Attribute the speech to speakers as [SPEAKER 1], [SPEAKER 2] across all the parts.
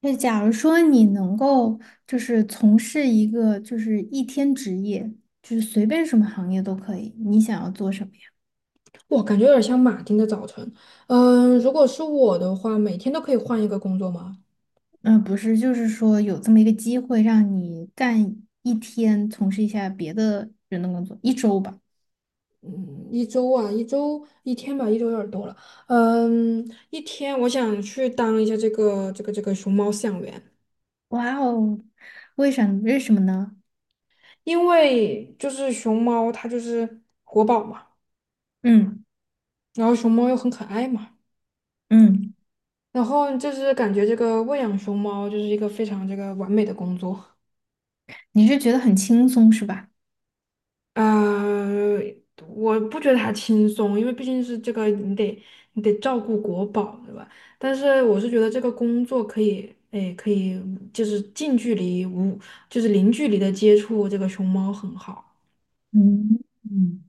[SPEAKER 1] 那假如说你能够就是从事一个就是一天职业，就是随便什么行业都可以，你想要做什么呀？
[SPEAKER 2] 我感觉有点像马丁的早晨。嗯，如果是我的话，每天都可以换一个工作吗？
[SPEAKER 1] 嗯，不是，就是说有这么一个机会让你干一天，从事一下别的人的工作，一周吧。
[SPEAKER 2] 嗯，一周啊，一周一天吧，一周有点多了。嗯，一天我想去当一下这个熊猫饲养员。
[SPEAKER 1] 哇哦，为啥？为什么呢？
[SPEAKER 2] 因为就是熊猫它就是活宝嘛，
[SPEAKER 1] 嗯
[SPEAKER 2] 然后熊猫又很可爱嘛，
[SPEAKER 1] 嗯，
[SPEAKER 2] 然后就是感觉这个喂养熊猫就是一个非常这个完美的工作。
[SPEAKER 1] 你是觉得很轻松是吧？
[SPEAKER 2] 呃，我不觉得它轻松，因为毕竟是这个，你得照顾国宝，对吧？但是我是觉得这个工作可以，哎，可以就是近距离无，就是零距离的接触这个熊猫很好。
[SPEAKER 1] 嗯嗯。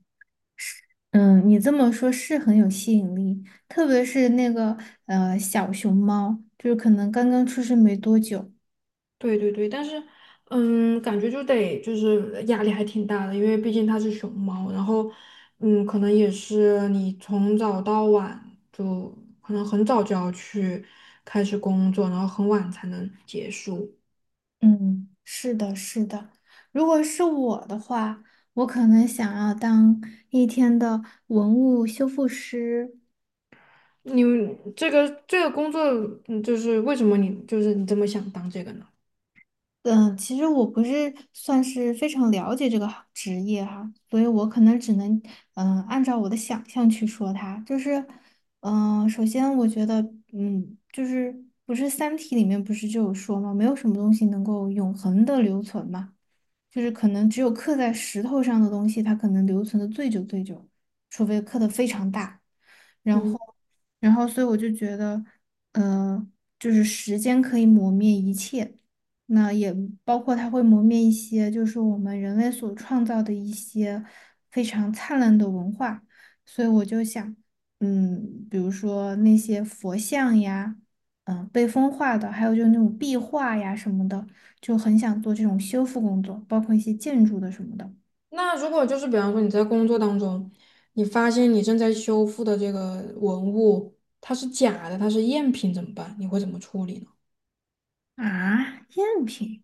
[SPEAKER 1] 嗯，你这么说是很有吸引力，特别是那个小熊猫，就是可能刚刚出生没多久。
[SPEAKER 2] 对对对，但是嗯，感觉就得就是压力还挺大的，因为毕竟它是熊猫，然后嗯，可能也是你从早到晚就可能很早就要去开始工作，然后很晚才能结束。
[SPEAKER 1] 嗯，是的，是的。如果是我的话，我可能想要当一天的文物修复师。
[SPEAKER 2] 你这个工作，嗯就是为什么你就是你这么想当这个呢？
[SPEAKER 1] 嗯，其实我不是算是非常了解这个行职业哈，所以我可能只能按照我的想象去说它。就是首先我觉得就是不是《三体》里面不是就有说嘛，没有什么东西能够永恒的留存嘛。就是可能只有刻在石头上的东西，它可能留存的最久最久，除非刻的非常大。然
[SPEAKER 2] 嗯，
[SPEAKER 1] 后，然后，所以我就觉得，嗯，就是时间可以磨灭一切，那也包括它会磨灭一些，就是我们人类所创造的一些非常灿烂的文化。所以我就想，比如说那些佛像呀，被风化的，还有就是那种壁画呀什么的。就很想做这种修复工作，包括一些建筑的什么的。
[SPEAKER 2] 那如果就是比方说你在工作当中，你发现你正在修复的这个文物它是假的，它是赝品怎么办？你会怎么处理呢？
[SPEAKER 1] 啊，赝品。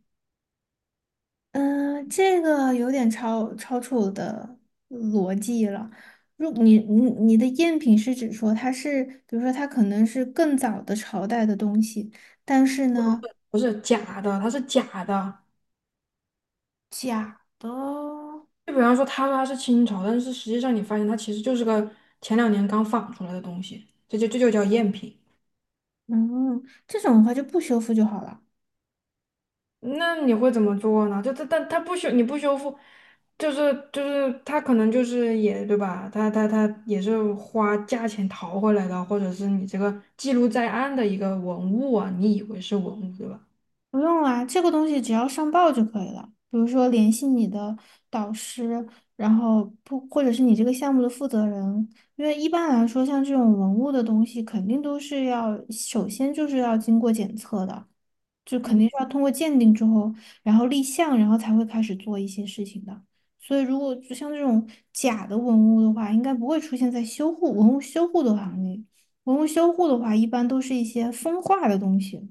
[SPEAKER 1] 嗯，这个有点超出我的逻辑了。如你你你的赝品是指说它是，比如说它可能是更早的朝代的东西，但是呢，
[SPEAKER 2] 不是假的，它是假的。
[SPEAKER 1] 假的，
[SPEAKER 2] 就比方说他说它是清朝，但是实际上你发现它其实就是个前两年刚仿出来的东西，这就叫赝品。
[SPEAKER 1] 嗯，这种的话就不修复就好了。
[SPEAKER 2] 那你会怎么做呢？就他，但他不修，你不修复，就是他可能就是也对吧？他也是花价钱淘回来的，或者是你这个记录在案的一个文物啊，你以为是文物对吧？
[SPEAKER 1] 不用啊，这个东西只要上报就可以了。比如说联系你的导师，然后不，或者是你这个项目的负责人，因为一般来说，像这种文物的东西，肯定都是要首先就是要经过检测的，就肯
[SPEAKER 2] 嗯
[SPEAKER 1] 定是要通过鉴定之后，然后立项，然后才会开始做一些事情的。所以，如果就像这种假的文物的话，应该不会出现在文物修护的行列。文物修护的话，一般都是一些风化的东西。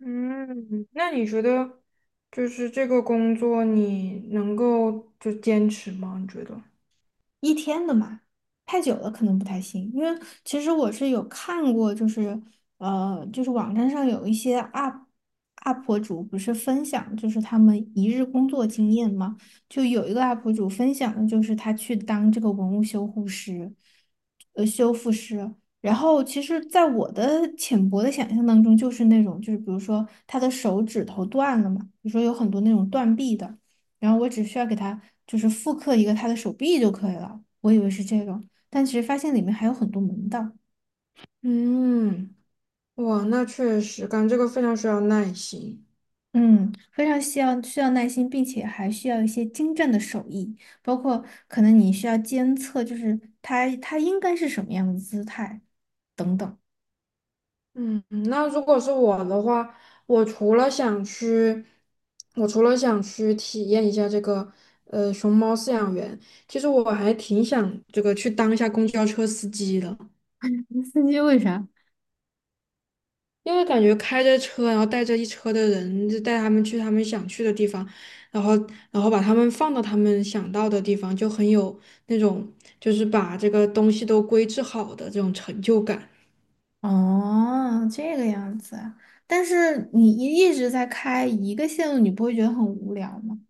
[SPEAKER 2] 嗯。那你觉得就是这个工作你能够就坚持吗？你觉得？
[SPEAKER 1] 一天的嘛，太久了可能不太行。因为其实我是有看过，就是就是网站上有一些 UP 主不是分享，就是他们一日工作经验嘛，就有一个 UP 主分享的就是他去当这个文物修护师，修复师。然后，其实，在我的浅薄的想象当中，就是那种，就是比如说他的手指头断了嘛，比如说有很多那种断臂的。然后我只需要给他就是复刻一个他的手臂就可以了。我以为是这个，但其实发现里面还有很多门道。
[SPEAKER 2] 嗯，哇，那确实，干这个非常需要耐心。
[SPEAKER 1] 嗯，非常需要耐心，并且还需要一些精湛的手艺，包括可能你需要监测，就是他应该是什么样的姿态等等。
[SPEAKER 2] 嗯，那如果是我的话，我除了想去，我除了想去体验一下这个熊猫饲养员，其实我还挺想这个去当一下公交车司机的。
[SPEAKER 1] 司机为啥？
[SPEAKER 2] 因为感觉开着车，然后带着一车的人，就带他们去他们想去的地方，然后然后把他们放到他们想到的地方，就很有那种就是把这个东西都规制好的这种成就感。
[SPEAKER 1] 哦，这个样子啊。但是你一直在开一个线路，你不会觉得很无聊吗？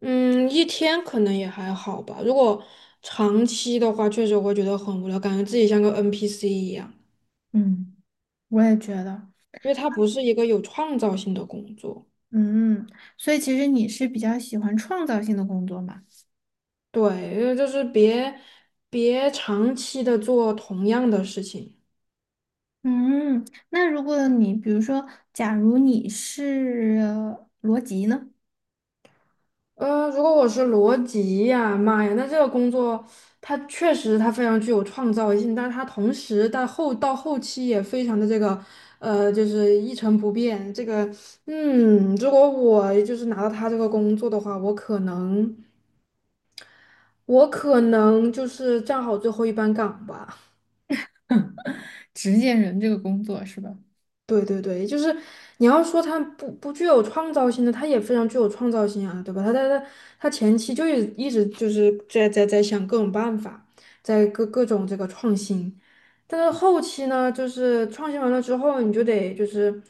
[SPEAKER 2] 嗯，一天可能也还好吧。如果长期的话，确实会觉得很无聊，感觉自己像个 NPC 一样，
[SPEAKER 1] 嗯，我也觉得。
[SPEAKER 2] 因为它不是一个有创造性的工作。
[SPEAKER 1] 嗯，所以其实你是比较喜欢创造性的工作嘛？
[SPEAKER 2] 对，因为就是别长期的做同样的事情。
[SPEAKER 1] 嗯，那如果你比如说，假如你是罗辑呢？
[SPEAKER 2] 如果我是罗辑呀，妈呀，那这个工作它确实它非常具有创造性，但是它同时但后到后期也非常的这个，就是一成不变。这个，嗯，如果我就是拿到他这个工作的话，我可能就是站好最后一班岗吧。
[SPEAKER 1] 执剑人这个工作是吧？
[SPEAKER 2] 对对对，就是你要说他不具有创造性的，他也非常具有创造性啊，对吧？他前期就一直就是在想各种办法，在各种这个创新，但是后期呢，就是创新完了之后，你就得就是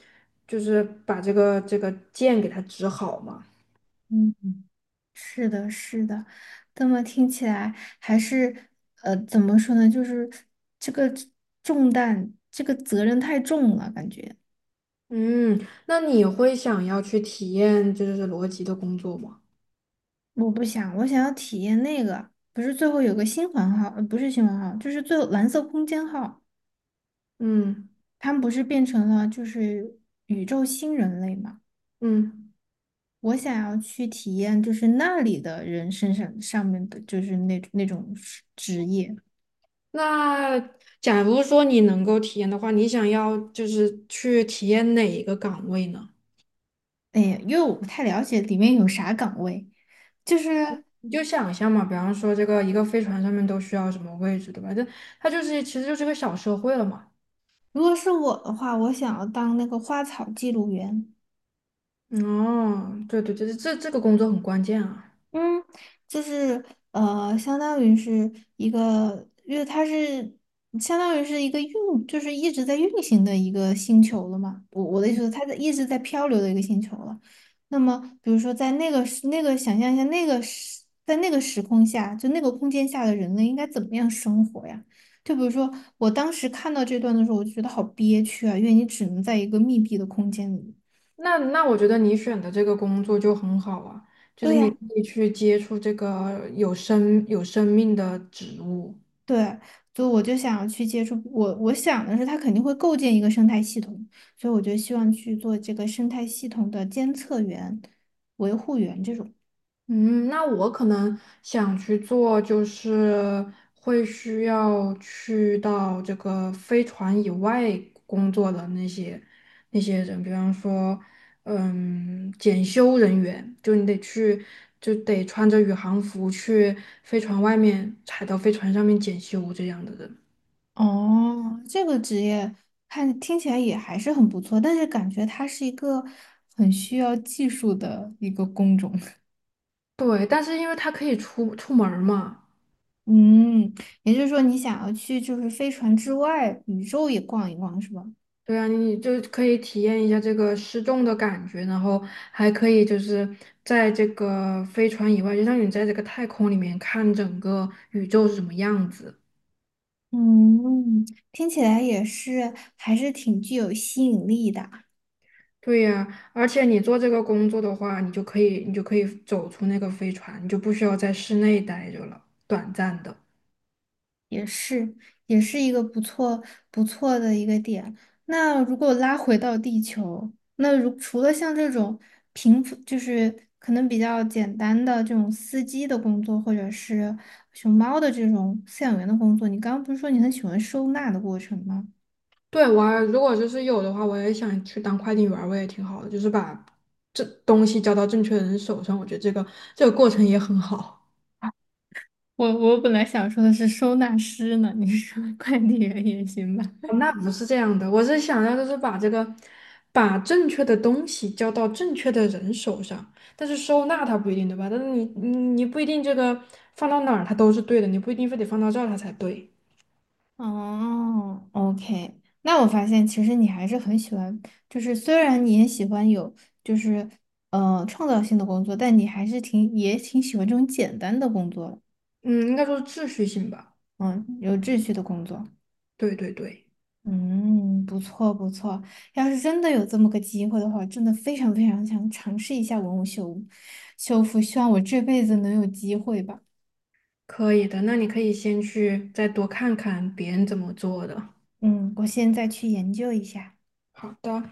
[SPEAKER 2] 就是把这个剑给它指好嘛。
[SPEAKER 1] 嗯，是的，是的，这么听起来还是怎么说呢？就是这个重担，这个责任太重了，感觉
[SPEAKER 2] 嗯，那你会想要去体验就是逻辑的工作吗？
[SPEAKER 1] 我不想，我想要体验那个，不是最后有个新环号，不是新环号，就是最后蓝色空间号。
[SPEAKER 2] 嗯
[SPEAKER 1] 他们不是变成了就是宇宙新人类嘛？
[SPEAKER 2] 嗯。
[SPEAKER 1] 我想要去体验，就是那里的人身上上面的，就是那种职业。
[SPEAKER 2] 那假如说你能够体验的话，你想要就是去体验哪一个岗位呢？
[SPEAKER 1] 哎呀，因为我不太了解里面有啥岗位。就是
[SPEAKER 2] 你就想象嘛，比方说这个一个飞船上面都需要什么位置，对吧？这它就是其实就是个小社会了嘛。
[SPEAKER 1] 如果是我的话，我想要当那个花草记录员。
[SPEAKER 2] 哦，对对对，这这个工作很关键啊。
[SPEAKER 1] 嗯，就是相当于是一个，因为它是相当于是一个运，就是一直在运行的一个星球了嘛。我的意思是，它在一直在漂流的一个星球了。那么，比如说在那个时那个想象一下，那个时在那个时空下，就那个空间下的人类应该怎么样生活呀？就比如说，我当时看到这段的时候，我就觉得好憋屈啊，因为你只能在一个密闭的空间里。
[SPEAKER 2] 那那我觉得你选的这个工作就很好啊，就
[SPEAKER 1] 对
[SPEAKER 2] 是你
[SPEAKER 1] 呀。
[SPEAKER 2] 可以去接触这个有生命的植物。
[SPEAKER 1] 对，所以我就想要去接触我，我想的是它肯定会构建一个生态系统，所以我就希望去做这个生态系统的监测员、维护员这种。
[SPEAKER 2] 嗯，那我可能想去做，就是会需要去到这个飞船以外工作的那些人，比方说，嗯，检修人员，就你得去，就得穿着宇航服去飞船外面，踩到飞船上面检修这样的人。
[SPEAKER 1] 哦，这个职业听起来也还是很不错，但是感觉它是一个很需要技术的一个工种。
[SPEAKER 2] 对，但是因为他可以出门儿嘛。
[SPEAKER 1] 嗯，也就是说你想要去就是飞船之外宇宙也逛一逛是吧？
[SPEAKER 2] 对啊，你就可以体验一下这个失重的感觉，然后还可以就是在这个飞船以外，就像你在这个太空里面看整个宇宙是什么样子。
[SPEAKER 1] 嗯，听起来也是还是挺具有吸引力的。
[SPEAKER 2] 对呀，而且你做这个工作的话，你就可以走出那个飞船，你就不需要在室内待着了，短暂的。
[SPEAKER 1] 也是，也是一个不错不错的一个点。那如果拉回到地球，那除了像这种平复就是可能比较简单的这种司机的工作，或者是熊猫的这种饲养员的工作，你刚刚不是说你很喜欢收纳的过程吗？
[SPEAKER 2] 对，我还如果就是有的话，我也想去当快递员儿我也挺好的，就是把这东西交到正确的人手上，我觉得这个过程也很好。
[SPEAKER 1] 我本来想说的是收纳师呢，你说快递员也行吧？
[SPEAKER 2] 哦那不是这样的，我是想要就是把这个，把正确的东西交到正确的人手上，但是收纳它不一定对吧？但是你不一定这个放到哪儿它都是对的，你不一定非得放到这儿它才对。
[SPEAKER 1] 哦，OK，那我发现其实你还是很喜欢，就是虽然你也喜欢有就是创造性的工作，但你还是也挺喜欢这种简单的工作的，
[SPEAKER 2] 嗯，应该说是秩序性吧。
[SPEAKER 1] 嗯，有秩序的工作，
[SPEAKER 2] 对对对，
[SPEAKER 1] 嗯，不错不错。要是真的有这么个机会的话，真的非常非常想尝试一下文物修复，希望我这辈子能有机会吧。
[SPEAKER 2] 可以的。那你可以先去再多看看别人怎么做的。
[SPEAKER 1] 嗯，我现在去研究一下。
[SPEAKER 2] 好的。